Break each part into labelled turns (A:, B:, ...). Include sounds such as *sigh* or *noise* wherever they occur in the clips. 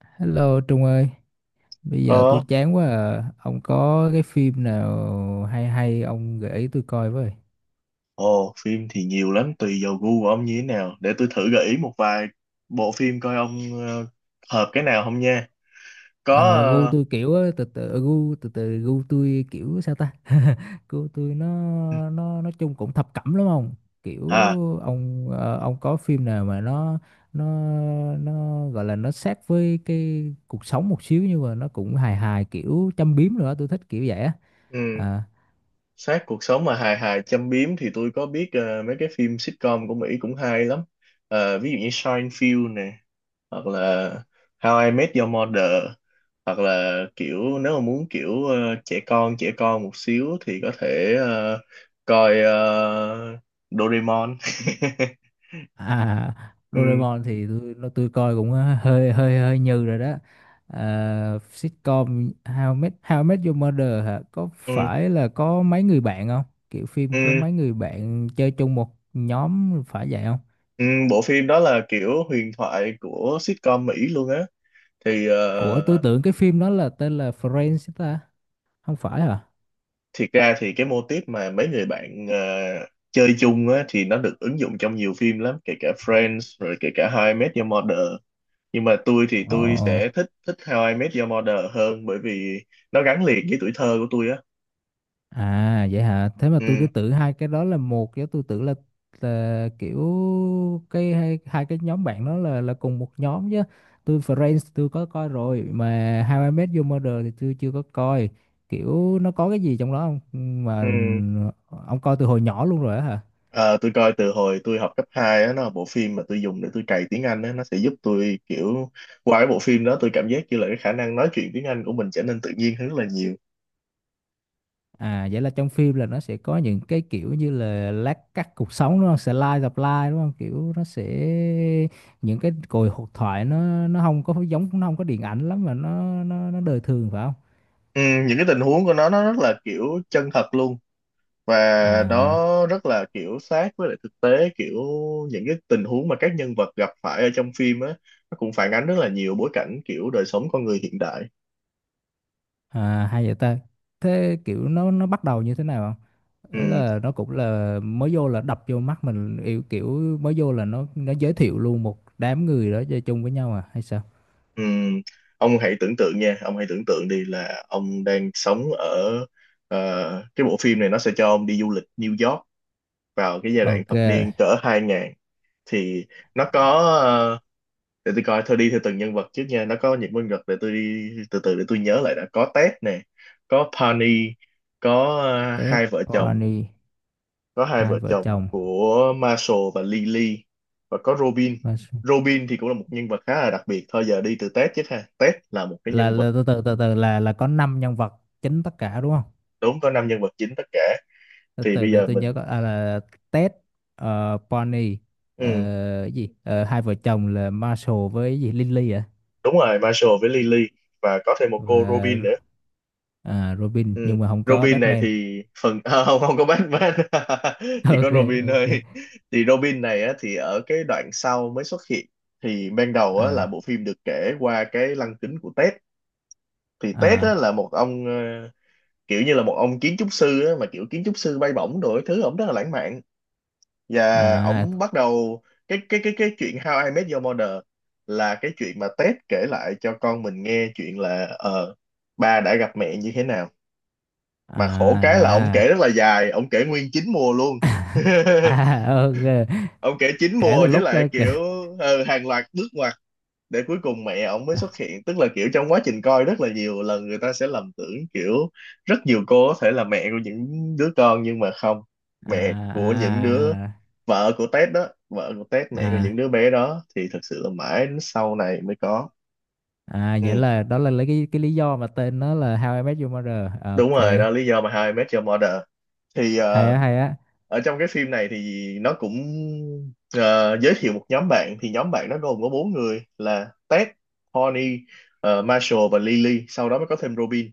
A: Hello Trung ơi, bây giờ tôi
B: Ờ,
A: chán quá à. Ông có cái phim nào hay hay ông gợi ý tôi coi với.
B: ồ, phim thì nhiều lắm, tùy vào gu của ông như thế nào. Để tôi thử gợi ý một vài bộ phim coi ông ờ, hợp cái nào không nha. Có,
A: Ờ, gu
B: ờ,
A: tôi kiểu á, từ từ gu tôi kiểu sao ta? *laughs* Gu tôi nó nói chung cũng thập cẩm lắm ông. Kiểu
B: à,
A: ông có phim nào mà nó nó gọi là nó sát với cái cuộc sống một xíu nhưng mà nó cũng hài hài kiểu châm biếm nữa, tôi thích kiểu vậy á.
B: ừ,
A: À,
B: sát cuộc sống mà hài hài châm biếm thì tôi có biết mấy cái phim sitcom của Mỹ cũng hay lắm. Ờ, ví dụ như Seinfeld nè, hoặc là How I Met Your Mother, hoặc là kiểu nếu mà muốn kiểu trẻ con một xíu thì có thể coi Doraemon. *laughs*
A: à,
B: Ừ.
A: Doraemon thì tôi coi cũng hơi hơi hơi như rồi đó. À, sitcom How I Met Your Mother hả? Có
B: Ừ,
A: phải là có mấy người bạn không? Kiểu phim có
B: ừ,
A: mấy người bạn chơi chung một nhóm phải vậy không?
B: ừ, bộ phim đó là kiểu huyền thoại của sitcom Mỹ luôn á thì
A: Ủa tôi tưởng cái phim đó là tên là Friends ta, không phải hả?
B: thiệt ra thì cái mô típ mà mấy người bạn chơi chung á thì nó được ứng dụng trong nhiều phim lắm, kể cả Friends rồi kể cả How I Met Your Mother, nhưng mà tôi thì tôi
A: Ờ.
B: sẽ thích thích How I Met Your Mother hơn bởi vì nó gắn liền với tuổi thơ của tôi á.
A: À vậy hả? Thế mà tôi cứ
B: Ừ,
A: tưởng hai cái đó là một, chứ tôi tưởng là kiểu cái hai cái nhóm bạn đó là cùng một nhóm chứ. Tôi Friends tôi có coi rồi mà How I Met Your Mother thì tôi chưa có coi. Kiểu nó có cái gì trong đó không? Mà
B: ừ.
A: ông coi từ hồi nhỏ luôn rồi á hả?
B: Ờ, tôi coi từ hồi tôi học cấp 2 á, nó là bộ phim mà tôi dùng để tôi cày tiếng Anh á, nó sẽ giúp tôi kiểu qua cái bộ phim đó tôi cảm giác như là cái khả năng nói chuyện tiếng Anh của mình trở nên tự nhiên hơn rất là nhiều.
A: À, vậy là trong phim là nó sẽ có những cái kiểu như là lát cắt cuộc sống đúng không? Slice of life đúng không? Kiểu nó sẽ những cái cuộc hội thoại nó không có giống, nó không có điện ảnh lắm mà nó đời thường phải không?
B: Ừ, những cái tình huống của nó rất là kiểu chân thật luôn và
A: À,
B: nó rất là kiểu sát với lại thực tế, kiểu những cái tình huống mà các nhân vật gặp phải ở trong phim á, nó cũng phản ánh rất là nhiều bối cảnh kiểu đời sống con người hiện đại.
A: à hay vậy ta. Thế kiểu nó bắt đầu như thế nào không? Ấy
B: Ừ.
A: là nó cũng là mới vô là đập vô mắt mình, kiểu kiểu mới vô là nó giới thiệu luôn một đám người đó chơi chung với nhau à hay sao?
B: Ừm, ông hãy tưởng tượng nha, ông hãy tưởng tượng đi là ông đang sống ở ờ, cái bộ phim này nó sẽ cho ông đi du lịch New York vào cái giai đoạn
A: Ok.
B: thập niên cỡ 2000, thì nó có ờ, để tôi coi thôi đi theo từng nhân vật trước nha, nó có những nhân vật để tôi đi từ từ để tôi nhớ lại, đã có Ted nè, có Penny, có
A: Tết
B: hai vợ chồng,
A: Pony
B: có hai
A: hai
B: vợ
A: vợ
B: chồng
A: chồng.
B: của Marshall và Lily, và có Robin. Robin thì cũng là một nhân vật khá là đặc biệt. Thôi giờ đi từ Ted chứ ha. Ted là một cái
A: là,
B: nhân vật,
A: là từ từ là có 5 nhân vật chính tất cả đúng không,
B: đúng có năm nhân vật chính tất cả,
A: từ
B: thì
A: từ
B: bây
A: để
B: giờ
A: tôi nhớ
B: mình
A: coi. À, là Ted, Bonnie, ờ,
B: ừ,
A: cái gì, hai vợ chồng là Marshall với cái gì Lily à,
B: đúng rồi Marshall với Lily và có thêm một cô Robin
A: và
B: nữa.
A: Robin
B: Ừ.
A: nhưng mà không có
B: Robin này
A: Batman.
B: thì phần *laughs* không, không có Batman.
A: *laughs*
B: *laughs* Chỉ
A: Ok.
B: có Robin thôi,
A: Ok.
B: thì Robin này á, thì ở cái đoạn sau mới xuất hiện, thì ban đầu á,
A: À,
B: là bộ phim được kể qua cái lăng kính của Ted, thì Ted á,
A: à,
B: là một ông kiểu như là một ông kiến trúc sư á, mà kiểu kiến trúc sư bay bổng đồ, cái thứ ổng rất là lãng mạn, và
A: à,
B: ổng bắt đầu cái chuyện How I Met Your Mother là cái chuyện mà Ted kể lại cho con mình nghe chuyện là ba đã gặp mẹ như thế nào, mà khổ
A: à
B: cái là
A: ra,
B: ổng kể rất là dài, ổng kể nguyên chín mùa luôn. *laughs*
A: à, ok.
B: Ông kể chín
A: kể từ
B: mùa với
A: lúc
B: lại
A: ờ, kể
B: kiểu hàng loạt bước ngoặt để cuối cùng mẹ ông mới
A: À,
B: xuất hiện, tức là kiểu trong quá trình coi rất là nhiều lần người ta sẽ lầm tưởng kiểu rất nhiều cô có thể là mẹ của những đứa con, nhưng mà không,
A: à,
B: mẹ của những đứa,
A: à,
B: vợ của Tết đó, vợ của Tết, mẹ của
A: à,
B: những đứa bé đó, thì thật sự là mãi đến sau này mới có.
A: à, vậy
B: Ừ.
A: là đó là lấy cái lý do mà tên nó là How I Met Your Mother.
B: Đúng
A: Ok,
B: rồi đó là lý do mà How I Met Your Mother, thì
A: hay á hay á.
B: ở trong cái phim này thì nó cũng ờ, giới thiệu một nhóm bạn, thì nhóm bạn nó gồm có bốn người là Ted, Bonnie, Marshall và Lily, sau đó mới có thêm Robin,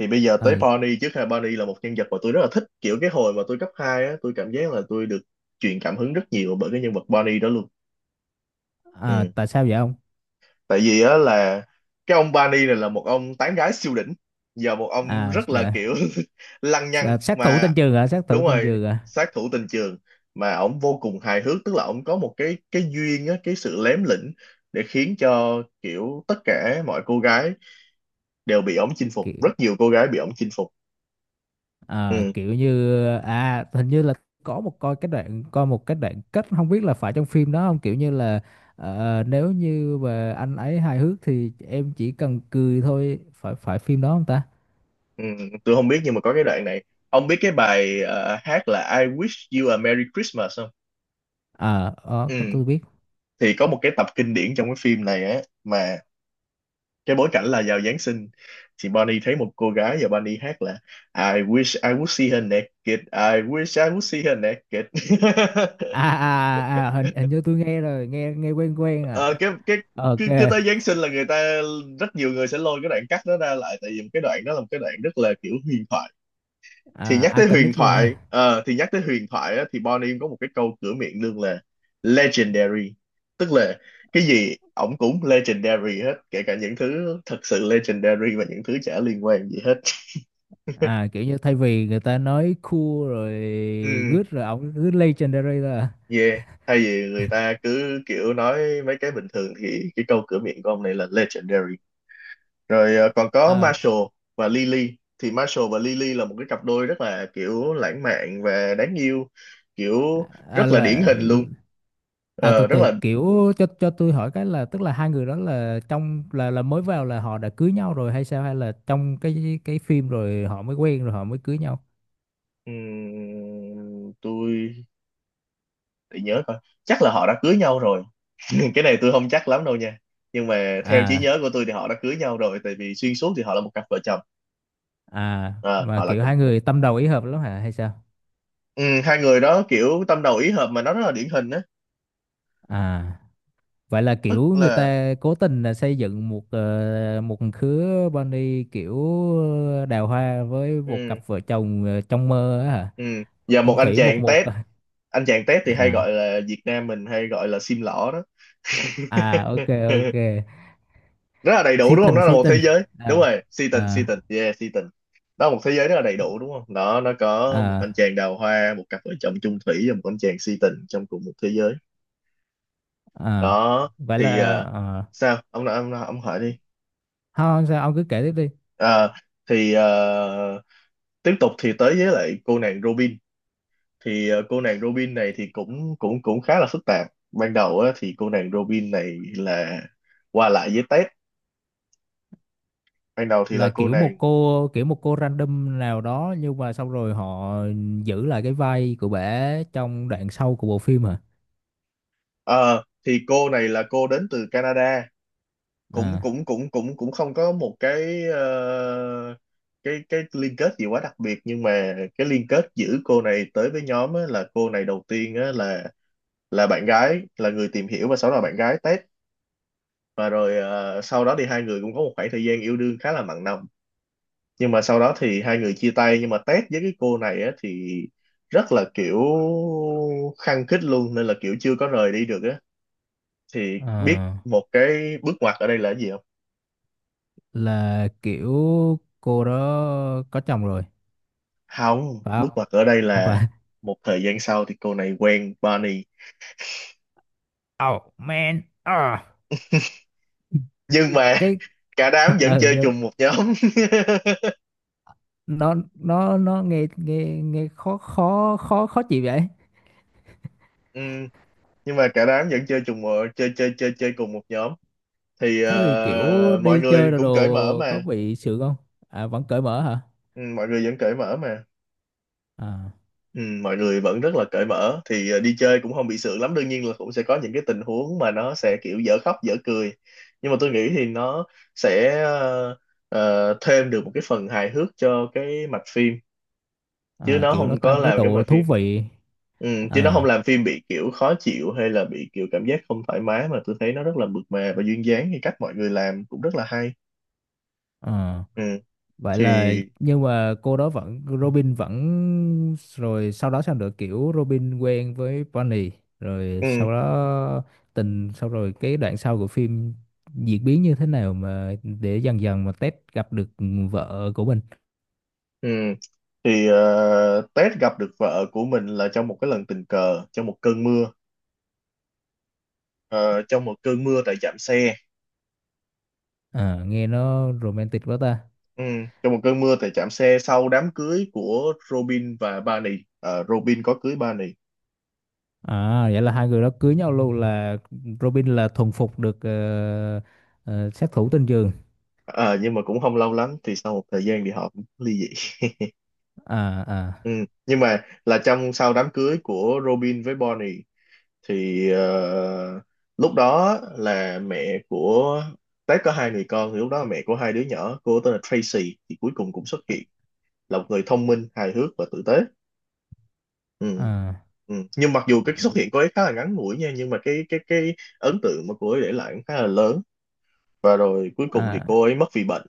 B: thì bây giờ tới
A: Ừ.
B: Bonnie trước ha. Bonnie là một nhân vật mà tôi rất là thích, kiểu cái hồi mà tôi cấp 2 á tôi cảm giác là tôi được truyền cảm hứng rất nhiều bởi cái nhân vật Bonnie đó luôn.
A: À,
B: Ừ.
A: tại sao vậy ông?
B: Tại vì á là cái ông Barney này là một ông tán gái siêu đỉnh, giờ một ông
A: À,
B: rất là
A: dạ.
B: kiểu *laughs* lăng
A: À,
B: nhăng
A: sát thủ
B: mà
A: tên trường hả, sát thủ
B: đúng
A: tên
B: rồi,
A: trường hả?
B: sát thủ tình trường, mà ổng vô cùng hài hước, tức là ổng có một cái duyên á, cái sự lém lỉnh để khiến cho kiểu tất cả mọi cô gái đều bị ổng chinh phục,
A: Kiểu,
B: rất nhiều cô gái bị ổng chinh phục. Ừ,
A: kiểu như, à hình như là có một coi cái đoạn, coi một cái đoạn kết, không biết là phải trong phim đó không, kiểu như là nếu như mà anh ấy hài hước thì em chỉ cần cười thôi, phải phải phim đó không ta?
B: ừ, tôi không biết nhưng mà có cái đoạn này, ông biết cái bài hát là I wish you a Merry Christmas không,
A: À,
B: ừ,
A: có tôi biết.
B: thì có một cái tập kinh điển trong cái phim này á mà cái bối cảnh là vào Giáng sinh, thì Bonnie thấy một cô gái và Bonnie hát là I wish I would see her naked, I wish I would see her naked.
A: À,
B: *laughs*
A: à, à, à, hình hình như tôi nghe rồi, nghe nghe quen quen à.
B: Ờ, cái cái
A: Ok.
B: cứ tới Giáng sinh là người ta, rất nhiều người sẽ lôi cái đoạn cắt đó ra lại, tại vì một cái đoạn đó là một cái đoạn rất là kiểu huyền thoại,
A: À,
B: thì nhắc tới huyền
A: iconic luôn
B: thoại
A: ha.
B: ờ, thì nhắc tới huyền thoại á, thì Bonnie có một cái câu cửa miệng luôn là legendary, tức là cái gì ổng cũng legendary hết, kể cả những thứ thật sự legendary và những thứ chả liên quan gì hết.
A: À, kiểu như thay vì người ta nói cool rồi
B: Ừ,
A: good rồi ổng cứ legendary là.
B: yeah, thay vì người ta cứ kiểu nói mấy cái bình thường thì cái câu cửa miệng của ông này là legendary. Rồi còn
A: À,
B: có
A: ờ,
B: Marshall và Lily, thì Marshall và Lily là một cái cặp đôi rất là kiểu lãng mạn và đáng yêu, kiểu
A: à
B: rất là điển
A: là.
B: hình luôn.
A: À, từ
B: Ờ, rất
A: từ,
B: là
A: kiểu cho tôi hỏi cái là tức là hai người đó là trong là mới vào là họ đã cưới nhau rồi hay sao, hay là trong cái phim rồi họ mới quen rồi họ mới cưới nhau?
B: tôi để nhớ coi, chắc là họ đã cưới nhau rồi. *laughs* Cái này tôi không chắc lắm đâu nha, nhưng mà theo trí
A: À,
B: nhớ của tôi thì họ đã cưới nhau rồi, tại vì xuyên suốt thì họ là một cặp vợ chồng.
A: à
B: À,
A: mà
B: họ là
A: kiểu hai
B: một,
A: người tâm đầu ý hợp lắm hả hay sao?
B: ừ, hai người đó kiểu tâm đầu ý hợp mà nó rất là điển hình á,
A: À, vậy là kiểu
B: tức
A: người
B: là
A: ta cố tình là xây dựng một một khứa bunny kiểu đào hoa với một
B: ừ,
A: cặp vợ chồng trong mơ á hả?
B: ừ. Và một
A: Chung
B: anh
A: thủy một
B: chàng
A: một
B: tép,
A: à.
B: anh chàng tép thì hay
A: À,
B: gọi là Việt Nam mình hay gọi là sim lỏ đó. *laughs*
A: à ok. Ok.
B: Rất là đầy đủ
A: Sĩ
B: đúng không,
A: tình
B: nó là
A: sĩ
B: một thế
A: tình.
B: giới, đúng
A: À,
B: rồi, si tình, si
A: à,
B: tình, yeah si tình. Đó là một thế giới rất là đầy đủ đúng không đó, nó có một
A: à,
B: anh chàng đào hoa, một cặp vợ chồng chung thủy và một anh chàng si tình trong cùng một thế giới.
A: à.
B: Đó
A: Vậy
B: thì
A: là à.
B: sao ông hỏi đi.
A: Không sao ông cứ kể tiếp đi.
B: À, thì tiếp tục thì tới với lại cô nàng Robin, thì cô nàng Robin này thì cũng cũng cũng khá là phức tạp. Ban đầu á, thì cô nàng Robin này là qua lại với Ted, ban đầu thì
A: Là
B: là cô
A: kiểu một
B: nàng
A: cô, kiểu một cô random nào đó nhưng mà xong rồi họ giữ lại cái vai của bả trong đoạn sau của bộ phim hả?
B: ờ, thì cô này là cô đến từ Canada, cũng
A: À,
B: cũng cũng cũng cũng không có một cái cái liên kết gì quá đặc biệt, nhưng mà cái liên kết giữa cô này tới với nhóm á, là cô này đầu tiên á, là bạn gái, là người tìm hiểu và sau đó là bạn gái Ted, và rồi sau đó thì hai người cũng có một khoảng thời gian yêu đương khá là mặn nồng, nhưng mà sau đó thì hai người chia tay, nhưng mà Ted với cái cô này á thì rất là kiểu khăng khít luôn nên là kiểu chưa có rời đi được á, thì biết
A: à
B: một cái bước ngoặt ở đây là cái gì không.
A: là kiểu cô đó có chồng rồi
B: Không,
A: phải
B: bước
A: không?
B: ngoặt ở đây
A: Không
B: là
A: phải?
B: một thời gian sau thì cô này quen Barney,
A: Oh man. À,
B: nhưng mà
A: cái
B: *laughs* cả đám vẫn chơi
A: nhưng
B: chung một nhóm.
A: nó nghe nghe nghe khó khó khó khó chịu vậy.
B: *laughs* Ừ, nhưng mà cả đám vẫn chơi chung một chơi chơi chơi chơi cùng một nhóm, thì
A: Thế thì kiểu
B: mọi
A: đi chơi
B: người
A: đồ
B: cũng cởi mở
A: đồ có
B: mà.
A: bị sượng không? À, vẫn cởi mở hả?
B: Ừ, mọi người vẫn cởi mở mà,
A: À,
B: ừ, mọi người vẫn rất là cởi mở. Thì đi chơi cũng không bị sượng lắm, đương nhiên là cũng sẽ có những cái tình huống mà nó sẽ kiểu dở khóc dở cười, nhưng mà tôi nghĩ thì nó sẽ thêm được một cái phần hài hước cho cái mạch phim, chứ
A: à
B: nó
A: kiểu nó
B: không có
A: tăng cái
B: làm cái
A: độ
B: mạch
A: thú
B: phim,
A: vị.
B: ừ, chứ nó không
A: À,
B: làm phim bị kiểu khó chịu hay là bị kiểu cảm giác không thoải mái, mà tôi thấy nó rất là mượt mà và duyên dáng, thì cách mọi người làm cũng rất là hay.
A: à.
B: Ừ,
A: Vậy
B: thì
A: là nhưng mà cô đó vẫn, Robin vẫn, rồi sau đó sao nữa, kiểu Robin quen với Bonnie rồi
B: ừ,
A: sau đó tình sau, rồi cái đoạn sau của phim diễn biến như thế nào mà để dần dần mà Ted gặp được vợ của mình.
B: ừ. Thì Tết gặp được vợ của mình là trong một cái lần tình cờ trong một cơn mưa. Ờ, trong một cơn mưa tại trạm xe,
A: À, nghe nó romantic quá ta.
B: ừ, trong một cơn mưa tại trạm xe sau đám cưới của Robin và Barney. Ờ, Robin có cưới Barney.
A: À vậy là hai người đó cưới nhau luôn, là Robin là thuần phục được sát thủ tên giường.
B: Ờ, nhưng mà cũng không lâu lắm thì sau một thời gian thì họ cũng ly dị.
A: À, à,
B: Ừ, nhưng mà là trong sau đám cưới của Robin với Barney, thì lúc đó là mẹ của Tết có hai người con, thì lúc đó là mẹ của hai đứa nhỏ cô tên là Tracy thì cuối cùng cũng xuất hiện, là một người thông minh hài hước và tử tế. Ừ.
A: à,
B: Ừ, nhưng mặc dù cái xuất hiện của ấy khá là ngắn ngủi nha, nhưng mà cái ấn tượng mà cô ấy để lại cũng khá là lớn, và rồi cuối cùng thì
A: à,
B: cô ấy mất vì bệnh,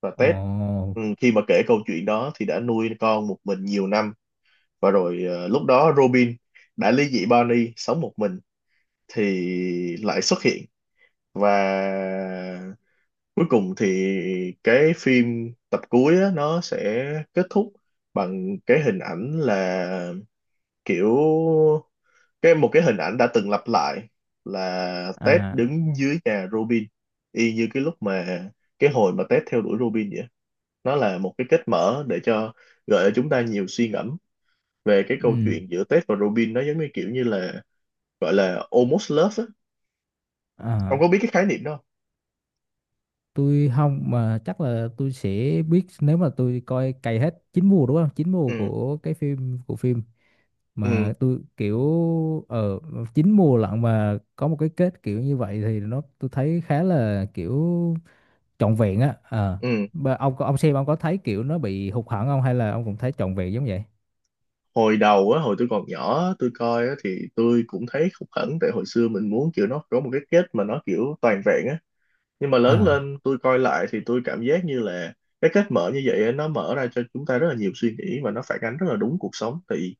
B: và Ted
A: ồ,
B: ừ, khi mà kể câu chuyện đó thì đã nuôi con một mình nhiều năm, và rồi lúc đó Robin đã ly dị Barney sống một mình, thì lại xuất hiện. Và cuối cùng thì cái phim tập cuối á, nó sẽ kết thúc bằng cái hình ảnh là kiểu cái một cái hình ảnh đã từng lặp lại, là Ted
A: à,
B: đứng dưới nhà Robin y như cái lúc mà cái hồi mà Ted theo đuổi Robin vậy, nó là một cái kết mở để cho, gợi cho chúng ta nhiều suy ngẫm về cái câu
A: ừ.
B: chuyện giữa Ted và Robin, nó giống như kiểu như là gọi là almost love á.
A: Ờ,
B: Ông có biết cái khái niệm đó không?
A: tôi không, mà chắc là tôi sẽ biết nếu mà tôi coi cày hết chín mùa đúng không? Chín mùa
B: Ừ,
A: của phim,
B: ừ,
A: mà tôi kiểu ở chín mùa lận mà có một cái kết kiểu như vậy thì nó tôi thấy khá là kiểu trọn vẹn á. Ờ.
B: ừ,
A: Ông ông xem ông có thấy kiểu nó bị hụt hẫng không hay là ông cũng thấy trọn vẹn giống vậy?
B: hồi đầu á hồi tôi còn nhỏ tôi coi á thì tôi cũng thấy khúc khẩn, tại hồi xưa mình muốn kiểu nó có một cái kết mà nó kiểu toàn vẹn á, nhưng mà lớn
A: À,
B: lên tôi coi lại thì tôi cảm giác như là cái cách mở như vậy á, nó mở ra cho chúng ta rất là nhiều suy nghĩ và nó phản ánh rất là đúng cuộc sống. Thì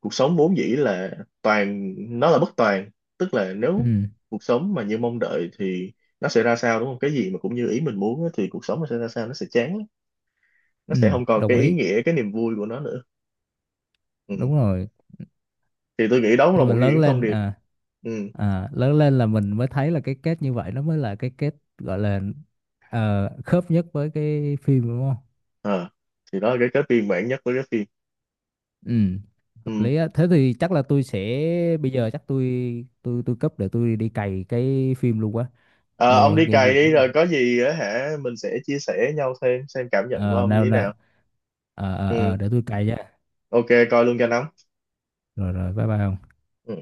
B: cuộc sống vốn dĩ là toàn, nó là bất toàn, tức là nếu
A: ừ,
B: cuộc sống mà như mong đợi thì nó sẽ ra sao đúng không, cái gì mà cũng như ý mình muốn á, thì cuộc sống nó sẽ ra sao, nó sẽ chán lắm.
A: ừ,
B: Nó sẽ không còn
A: đồng
B: cái ý
A: ý.
B: nghĩa cái niềm vui của nó nữa. Ừ.
A: Đúng rồi.
B: Thì tôi nghĩ đó cũng
A: Khi
B: là
A: mà
B: một trong
A: lớn
B: những thông
A: lên
B: điệp.
A: à,
B: Ừ.
A: à lớn lên là mình mới thấy là cái kết như vậy nó mới là cái kết gọi là khớp nhất với cái phim đúng không?
B: À. Thì đó là cái viên mãn nhất của cái phim.
A: Ừ, hợp
B: Ừ.
A: lý á. Thế thì chắc là tôi sẽ, bây giờ chắc tôi tôi cấp để tôi đi cày cái phim luôn quá.
B: Ờ, ông
A: Nghe
B: đi
A: nghe
B: cày
A: gì
B: đi
A: rồi.
B: rồi có gì á hả mình sẽ chia sẻ nhau thêm xem cảm nhận của
A: Ờ
B: ông như
A: nào
B: thế
A: nào.
B: nào.
A: Ờ ờ
B: Ừ,
A: ờ để tôi cày nha.
B: ok, coi luôn cho nóng.
A: Rồi rồi bye bye ông.
B: Ừ.